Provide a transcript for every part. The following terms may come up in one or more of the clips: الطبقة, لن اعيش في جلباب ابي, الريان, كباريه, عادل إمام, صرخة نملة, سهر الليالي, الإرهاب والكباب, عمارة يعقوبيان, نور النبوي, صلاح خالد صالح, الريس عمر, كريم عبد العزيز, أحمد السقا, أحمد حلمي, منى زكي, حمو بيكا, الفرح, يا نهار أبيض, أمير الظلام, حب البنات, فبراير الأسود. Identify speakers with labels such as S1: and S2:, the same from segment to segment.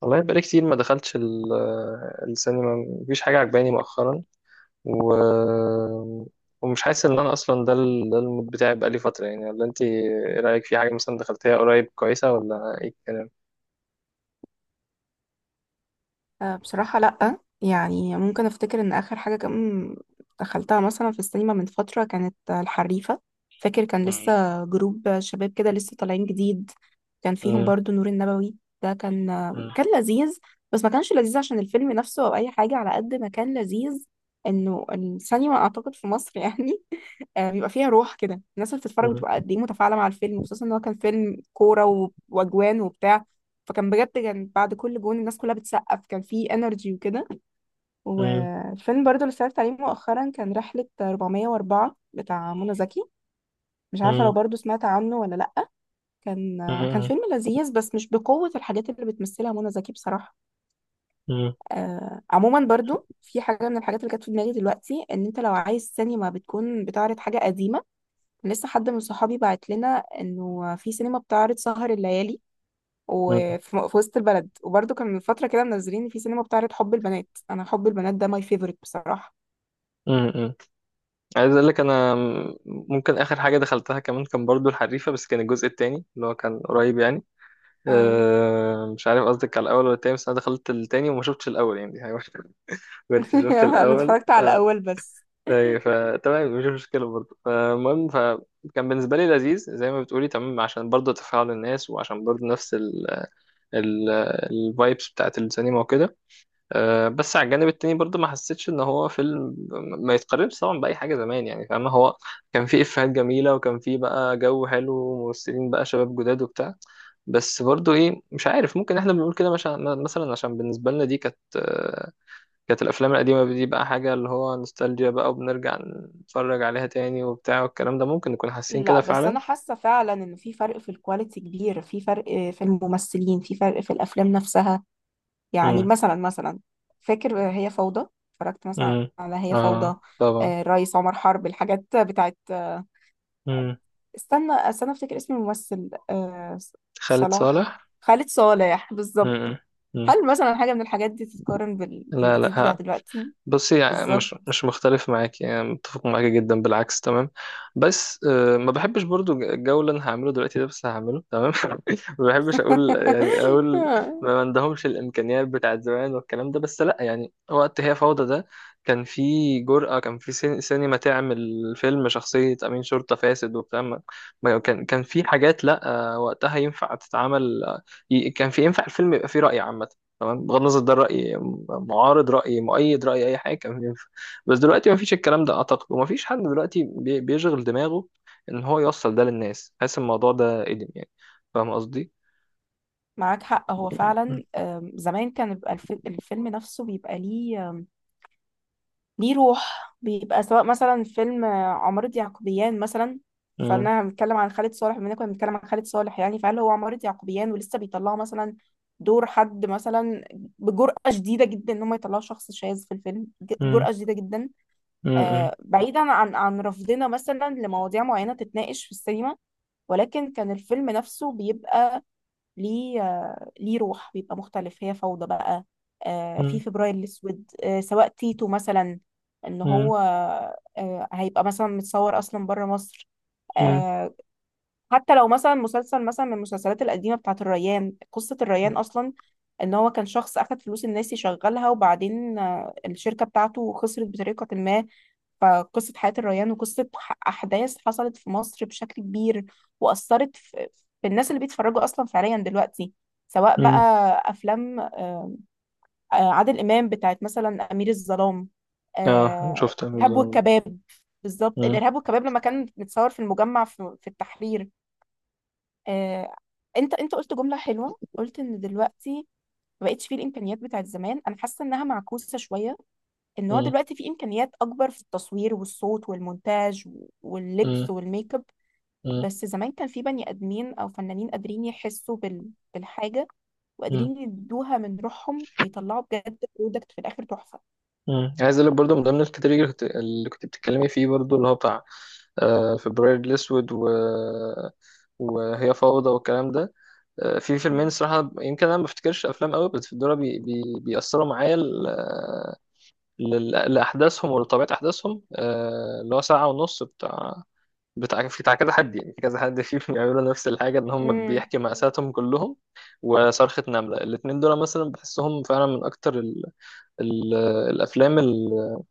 S1: والله بقالي كتير ما دخلتش السينما. مفيش حاجة عجباني مؤخرا و... ومش حاسس ان انا اصلا ده المود بتاعي بقالي فترة يعني، ولا انت ايه رأيك في حاجة مثلا دخلتيها قريب كويسة ولا ايه الكلام؟
S2: بصراحة لأ يعني ممكن أفتكر إن آخر حاجة كان دخلتها مثلا في السينما من فترة كانت الحريفة. فاكر كان
S1: مم.
S2: لسه جروب شباب كده لسه طالعين جديد. كان فيهم
S1: مم.
S2: برضو نور النبوي. ده كان
S1: مم.
S2: كان لذيذ، بس ما كانش لذيذ عشان الفيلم نفسه أو أي حاجة على قد ما كان لذيذ إنه السينما، أعتقد في مصر يعني بيبقى فيها روح كده. الناس اللي بتتفرج
S1: مم.
S2: بتبقى قد ايه متفاعله مع الفيلم، خصوصا ان هو كان فيلم كوره واجوان وبتاع. فكان بجد كان بعد كل جون الناس كلها بتسقف، كان فيه انرجي وكده.
S1: مم.
S2: والفيلم برضو اللي اتفرجت عليه مؤخرا كان رحله 404 بتاع منى زكي، مش عارفه لو
S1: مم.
S2: برضو سمعت عنه ولا لا. كان كان
S1: مم.
S2: فيلم لذيذ بس مش بقوه الحاجات اللي بتمثلها منى زكي بصراحه.
S1: مم.
S2: عموما برضو في حاجه من الحاجات اللي كانت في دماغي دلوقتي، ان انت لو عايز سينما بتكون بتعرض حاجه قديمه، لسه حد من صحابي بعت لنا انه في سينما بتعرض سهر الليالي في وسط البلد، وبرده كان من فترة كده منزلين في سينما بتعرض حب البنات. انا حب البنات ده ماي فيفورت بصراحة.
S1: مم. مم. عايز اقول لك انا ممكن اخر حاجة دخلتها كمان كان برضو الحريفة، بس كان الجزء التاني اللي هو كان قريب يعني.
S2: آه.
S1: أه مش عارف قصدك على الاول ولا التاني، بس انا دخلت التاني وما شفتش الاول يعني كنت شفت
S2: انا
S1: الأول
S2: اتفرجت على
S1: آه.
S2: الاول بس.
S1: أي فتمام مش مشكلة برضه، فالمهم فكان بالنسبة لي لذيذ زي ما بتقولي تمام، عشان برضه تفاعل الناس، وعشان برضه نفس ال الفايبس بتاعت السينما وكده. آه بس على الجانب التاني برضه ما حسيتش إن هو فيلم. ما يتقارنش طبعا بأي حاجة زمان يعني، فاهمة، هو كان فيه إفيهات جميلة وكان فيه بقى جو حلو وممثلين بقى شباب جداد وبتاع. بس برضه إيه، مش عارف، ممكن إحنا بنقول كده مثلا عشان بالنسبة لنا دي كانت كانت الافلام القديمه دي بقى حاجه اللي هو نوستالجيا بقى وبنرجع نتفرج عليها تاني وبتاع والكلام ده، ممكن نكون حاسين
S2: لا
S1: كده
S2: بس
S1: فعلا.
S2: انا حاسة فعلا ان في فرق في الكواليتي كبير، في فرق في الممثلين، في فرق في الافلام نفسها. يعني
S1: امم.
S2: مثلا فاكر هي فوضى، اتفرجت مثلا
S1: امم.
S2: على هي
S1: اه
S2: فوضى.
S1: طبعا.
S2: الريس عمر حرب، الحاجات بتاعت
S1: امم.
S2: استنى استنى افتكر اسم الممثل. آه
S1: خالد صالح.
S2: صلاح، خالد صالح بالظبط.
S1: امم. امم.
S2: هل مثلا حاجة من الحاجات دي تتقارن
S1: لا
S2: بالجديد بتاع
S1: لا.
S2: دلوقتي؟
S1: بصي يعني
S2: بالظبط.
S1: مش مختلف معاك، يعني متفق معاك جدا بالعكس تمام. بس ما بحبش برضو الجو اللي انا هعمله دلوقتي ده، بس هعمله تمام ما بحبش اقول ما عندهمش الامكانيات بتاعت زمان والكلام ده. بس لا يعني وقت هي فوضى ده كان في جرأة، كان في سينما تعمل فيلم شخصية أمين شرطة فاسد وبتاع. كان في حاجات، لا وقتها ينفع تتعمل. كان في ينفع الفيلم يبقى فيه رأي عامة، تمام، بغض النظر ده رأي معارض، رأي مؤيد، رأي أي حاجة، كان ينفع. بس دلوقتي مفيش الكلام ده أعتقد، ومفيش حد دلوقتي بيشغل دماغه إن هو يوصل ده للناس، حاسس الموضوع ده قديم يعني. فاهم قصدي؟
S2: معاك حق، هو
S1: م-
S2: فعلا زمان كان بيبقى الفيلم نفسه بيبقى ليه روح. بيبقى سواء مثلا فيلم عمارة يعقوبيان مثلا،
S1: م-
S2: فانا بنتكلم عن خالد صالح بما إننا كنا بنتكلم عن خالد صالح يعني. فهل هو عمارة يعقوبيان ولسه بيطلعوا مثلا دور حد مثلا بجرأة شديدة جدا ان هم يطلعوا شخص شاذ في الفيلم،
S1: م-
S2: جرأة شديدة جدا.
S1: م-
S2: آه، بعيدا عن رفضنا مثلا لمواضيع معينة تتناقش في السينما، ولكن كان الفيلم نفسه بيبقى ليه ليه روح، بيبقى مختلف. هي فوضى بقى، في
S1: م-
S2: فبراير الأسود، سواء تيتو مثلا، إن
S1: م-
S2: هو هيبقى مثلا متصور أصلا بره مصر.
S1: م-
S2: آه، حتى لو مثلا مسلسل مثلا من المسلسلات القديمة بتاعة الريان، قصة الريان أصلا، إن هو كان شخص أخد فلوس الناس يشغلها وبعدين الشركة بتاعته خسرت بطريقة ما. فقصة حياة الريان وقصة أحداث حصلت في مصر بشكل كبير وأثرت في الناس اللي بيتفرجوا أصلا فعليا دلوقتي. سواء بقى
S1: م-
S2: أفلام عادل إمام بتاعت مثلا أمير الظلام،
S1: اه
S2: آه،
S1: شفت أنا
S2: إرهاب
S1: بالظبط.
S2: والكباب. بالظبط
S1: م-
S2: الإرهاب والكباب لما كان متصور في المجمع في التحرير. آه، أنت قلت جملة حلوة، قلت إن دلوقتي ما بقتش فيه الإمكانيات بتاعت زمان. أنا حاسة إنها معكوسة شوية، ان هو
S1: م-
S2: دلوقتي في امكانيات اكبر في التصوير والصوت والمونتاج
S1: م-
S2: واللبس والميك اب.
S1: م-
S2: بس زمان كان في بني ادمين او فنانين قادرين يحسوا بالحاجه،
S1: م-
S2: وقادرين يدوها من روحهم فيطلعوا بجد برودكت في الاخر تحفه.
S1: م. عايز اقول لك برضه، من ضمن الكاتيجوري اللي كنت بتتكلمي فيه برضه اللي هو بتاع فبراير الاسود وهي فوضى والكلام ده. في فيلمين
S2: مم.
S1: الصراحة، يمكن أنا ما بفتكرش أفلام قوي، بس دول بي بي بيأثروا معايا لأحداثهم ولطبيعة أحداثهم. اللي هو ساعة ونص بتاع، بتاع في بتاع كذا حد، يعني في كذا حد فيهم بيعملوا نفس الحاجة، إن هم
S2: مم.
S1: بيحكي مأساتهم كلهم. وصرخة نملة، الاتنين دول مثلا بحسهم فعلا من أكتر ال الأفلام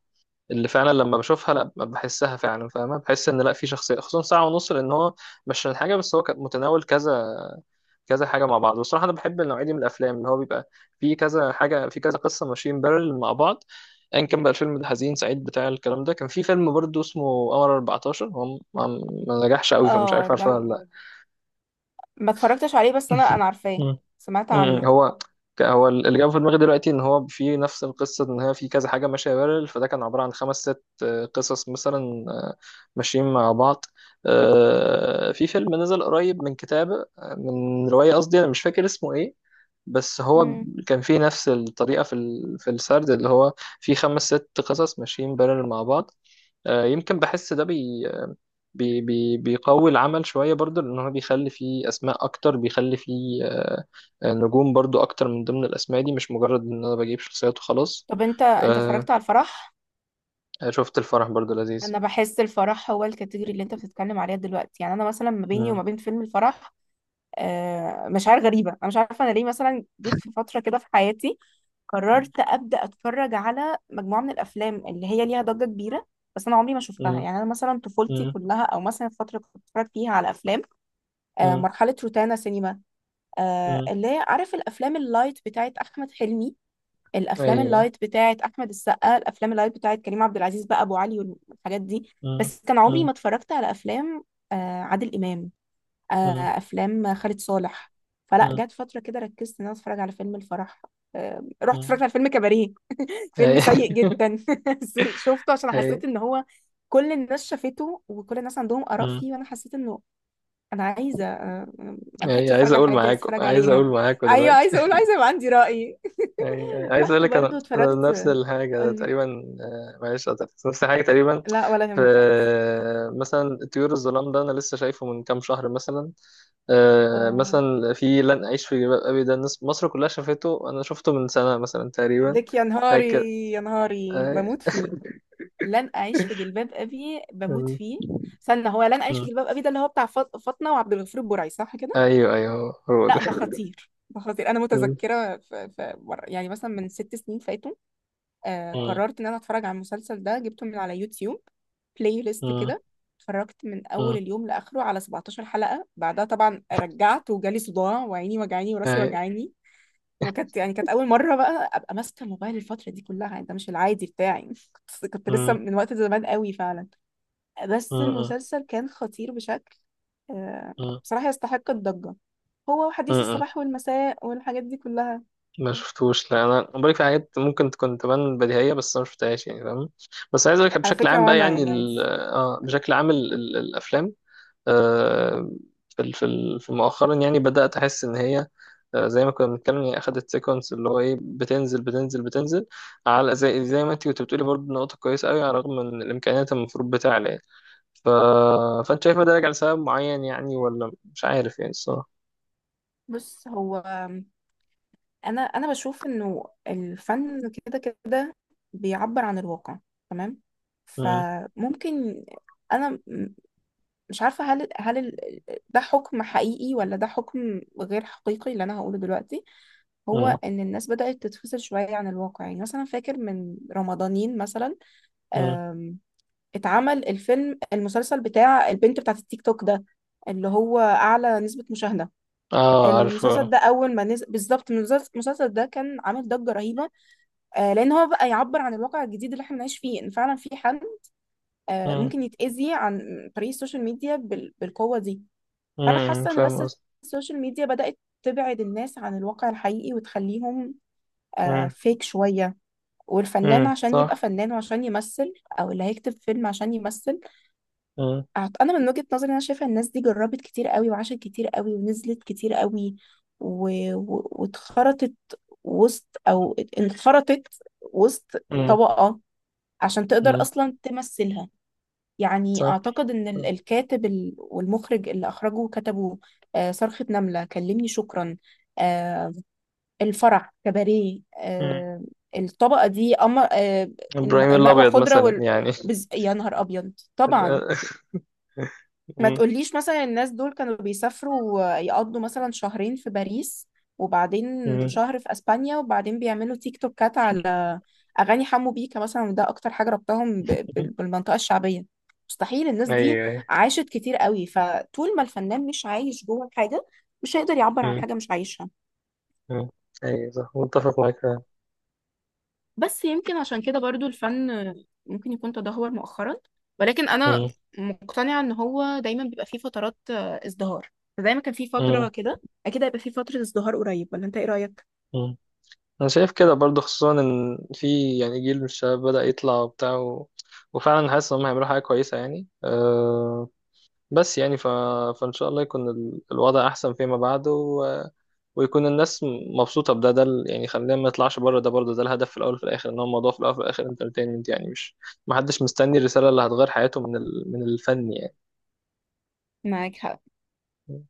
S1: اللي فعلا لما بشوفها لا بحسها فعلا، فاهمة، بحس إن لا في شخصية، خصوصا ساعة ونص، لأن هو مش عشان حاجة، بس هو كان متناول كذا حاجه مع بعض. بصراحه انا بحب النوعيه دي من الافلام، اللي هو بيبقى فيه كذا حاجه في كذا قصه ماشيين بارل مع بعض، ايا كان بقى الفيلم ده حزين سعيد بتاع الكلام ده. كان في فيلم برضه اسمه قمر 14، هو ما ما نجحش قوي، فمش
S2: اه
S1: عارف
S2: ده
S1: عارفه ولا لا.
S2: ما اتفرجتش عليه بس انا انا عارفاه،
S1: مم.
S2: سمعت
S1: مم.
S2: عنه.
S1: هو هو اللي جاب في دماغي دلوقتي ان هو في نفس القصه، ان هي في كذا حاجه ماشيه بارل، فده كان عباره عن خمس ست قصص مثلا، ماشيين مع بعض. في فيلم نزل قريب من كتابه، من روايه، قصدي، انا مش فاكر اسمه ايه، بس هو
S2: مم.
S1: كان فيه نفس الطريقة في في السرد، اللي هو فيه خمس ست قصص ماشيين بارلل مع بعض. يمكن بحس ده بي بي بي بيقوي العمل شوية برضو، لأن هو بيخلي فيه أسماء أكتر، بيخلي فيه نجوم برضو أكتر من ضمن الأسماء دي، مش مجرد إن أنا بجيب شخصيات وخلاص.
S2: طب انت
S1: آه،
S2: اتفرجت على الفرح؟
S1: شفت الفرح برضو لذيذ.
S2: انا بحس الفرح هو الكاتيجوري اللي انت بتتكلم عليها دلوقتي. يعني انا مثلا ما بيني
S1: مم.
S2: وما بين فيلم الفرح مشاعر غريبة. أنا مش عارفة أنا ليه مثلا جيت في فترة كده في حياتي قررت أبدأ أتفرج على مجموعة من الأفلام اللي هي ليها ضجة كبيرة بس أنا عمري ما شفتها.
S1: مم.
S2: يعني أنا مثلا طفولتي
S1: مم.
S2: كلها أو مثلا الفترة اللي كنت بتفرج فيها على أفلام
S1: مم.
S2: مرحلة روتانا سينما،
S1: مم.
S2: اللي هي عارف الأفلام اللايت بتاعت أحمد حلمي، الأفلام
S1: أيوه.
S2: اللايت بتاعت أحمد السقا، الأفلام اللايت بتاعت كريم عبد العزيز بقى أبو علي والحاجات دي.
S1: مم.
S2: بس كان عمري
S1: مم.
S2: ما اتفرجت على أفلام آه، عادل إمام، آه،
S1: مم.
S2: افلام خالد صالح. فلا
S1: مم.
S2: جت فتره كده ركزت ان انا اتفرج على فيلم الفرح، رحت اتفرجت
S1: مم.
S2: على فيلم كباريه. فيلم
S1: أيوه
S2: سيء جدا بس شفته عشان
S1: أيوه.
S2: حسيت ان هو كل الناس شافته وكل الناس عندهم اراء فيه، وانا حسيت انه انا عايزه ما
S1: يعني
S2: لحقتش اتفرج على الحاجات دي، عايزه اتفرج
S1: عايز اقول
S2: عليها.
S1: معاكم
S2: ايوه
S1: دلوقتي.
S2: عايزه اقول، عايزه يبقى عندي راي.
S1: يعني عايز اقول
S2: رحت
S1: لك انا،
S2: برضو
S1: أنا نفس
S2: اتفرجت.
S1: الحاجه
S2: قولي.
S1: تقريبا. معلش قطعتك. نفس الحاجه تقريبا.
S2: لا ولا
S1: في
S2: يهمك، عايز
S1: مثلا طيور الظلام ده انا لسه شايفه من كام شهر مثلا.
S2: آه
S1: مثلا في لن اعيش في جلباب ابي، ده الناس مصر كلها شافته، انا شفته من سنه مثلا تقريبا.
S2: لك يا نهاري،
S1: هكذا.
S2: يا نهاري
S1: آه،
S2: بموت فيه. لن اعيش في جلباب ابي بموت
S1: م-
S2: فيه. استنى، هو لن اعيش في
S1: م.
S2: جلباب ابي ده اللي هو بتاع فاطمه وعبد الغفور البرعي صح كده؟
S1: ايوه ايوه، هو هو ده
S2: لا ده خطير، ده خطير. انا
S1: م-
S2: متذكره في مره يعني مثلا من ست سنين فاتوا آه
S1: م-
S2: قررت ان انا اتفرج على المسلسل ده، جبته من على يوتيوب بلاي ليست
S1: م-
S2: كده، اتفرجت من اول
S1: م.
S2: اليوم لاخره على 17 حلقه. بعدها طبعا رجعت وجالي صداع وعيني وجعاني وراسي
S1: أي-
S2: وجعاني. وكانت يعني كانت اول مره بقى ابقى ماسكه الموبايل الفتره دي كلها، يعني ده مش العادي بتاعي بس كنت لسه
S1: م-
S2: من وقت زمان قوي فعلا. بس
S1: م-
S2: المسلسل كان خطير بشكل آه،
S1: م-
S2: بصراحة يستحق الضجة، هو
S1: م-
S2: وحديث
S1: م-
S2: الصباح والمساء والحاجات دي كلها.
S1: ما شفتوش، لا انا، أنا بقولك في حاجات ممكن تكون تبان بديهيه بس انا ما شفتهاش يعني، فاهم. بس عايز اقولك
S2: على
S1: بشكل عام
S2: فكرة
S1: بقى،
S2: وانا
S1: يعني
S2: يعني
S1: ال...
S2: عايز
S1: اه بشكل عام الافلام. آه في في مؤخرا، يعني بدات احس ان هي، آه زي ما كنا بنتكلم، يعني اخدت سيكونس اللي هو ايه، بتنزل على، زي ما انت كنت بتقولي برضه، نقطه كويسه قوي على الرغم من الامكانيات المفروض بتاعنا يعني. ف... فانت شايف ده راجع لسبب معين يعني، ولا مش عارف يعني الصراحه؟
S2: بص هو، انا بشوف انه الفن كده كده بيعبر عن الواقع تمام.
S1: مم.
S2: فممكن انا مش عارفة هل ده حكم حقيقي ولا ده حكم غير حقيقي اللي أنا هقوله دلوقتي. هو
S1: مم.
S2: إن الناس بدأت تتفصل شوية عن الواقع. يعني مثلا فاكر من رمضانين مثلا
S1: مم.
S2: آم، اتعمل الفيلم المسلسل بتاع البنت بتاعت التيك توك ده اللي هو أعلى نسبة مشاهدة.
S1: اه
S2: المسلسل
S1: عارفه.
S2: ده أول ما نزل بالظبط، المسلسل ده كان عامل ضجة رهيبة لأن هو بقى يعبر عن الواقع الجديد اللي احنا بنعيش فيه. إن فعلا في حد ممكن يتأذي عن طريق السوشيال ميديا بالقوة دي. فانا
S1: امم،
S2: حاسه ان
S1: فاهم
S2: بس
S1: قصدي.
S2: السوشيال ميديا بدات تبعد الناس عن الواقع الحقيقي وتخليهم آه
S1: امم.
S2: فيك شويه. والفنان عشان يبقى
S1: صح.
S2: فنان وعشان يمثل، او اللي هيكتب فيلم عشان يمثل،
S1: امم.
S2: انا من وجهه نظري انا شايفه الناس دي جربت كتير قوي وعاشت كتير قوي ونزلت كتير قوي و... واتخرطت وسط او انخرطت وسط
S1: امم.
S2: طبقه عشان تقدر
S1: امم
S2: اصلا تمثلها. يعني
S1: صح.
S2: أعتقد إن الكاتب والمخرج اللي أخرجوا وكتبوا صرخة نملة، كلمني شكرا، آه، الفرح، كباريه،
S1: امم.
S2: الطبقة دي أمر،
S1: ابراهيم
S2: المأوى
S1: الابيض
S2: الخضراء
S1: مثلا
S2: وال
S1: يعني.
S2: بز... يا نهار أبيض طبعا. ما
S1: امم.
S2: تقوليش مثلا الناس دول كانوا بيسافروا يقضوا مثلا شهرين في باريس وبعدين
S1: امم.
S2: شهر في اسبانيا وبعدين بيعملوا تيك توكات على اغاني حمو بيكا مثلا، وده اكتر حاجه ربطهم بالمنطقه الشعبيه. مستحيل الناس دي
S1: ايوه ايوه.
S2: عاشت كتير قوي. فطول ما الفنان مش عايش جوه الحاجه مش هيقدر يعبر عن
S1: امم.
S2: حاجه مش عايشها.
S1: امم. ايوه صح متفق معاك فعلا.
S2: بس يمكن عشان كده برضو الفن ممكن يكون تدهور مؤخرا، ولكن انا
S1: امم.
S2: مقتنعة ان هو دايما بيبقى فيه فترات ازدهار. فزي ما كان فيه
S1: امم.
S2: فترة كده اكيد هيبقى فيه فترة ازدهار قريب، ولا انت ايه رأيك؟
S1: امم. انا شايف كده برضو، خصوصا ان في يعني جيل من الشباب بدأ يطلع وبتاع وفعلا حاسس ان هم هيعملوا حاجه كويسه يعني. أه... بس يعني ف... فان شاء الله يكون الوضع احسن فيما بعد، ويكون الناس مبسوطة بده، يعني خلينا ما نطلعش بره، ده برضه ده الهدف في الأول وفي الآخر، إن هو الموضوع في الأول وفي الآخر انترتينمنت يعني، مش محدش مستني الرسالة اللي هتغير حياته من من الفن
S2: معاك حق.
S1: يعني.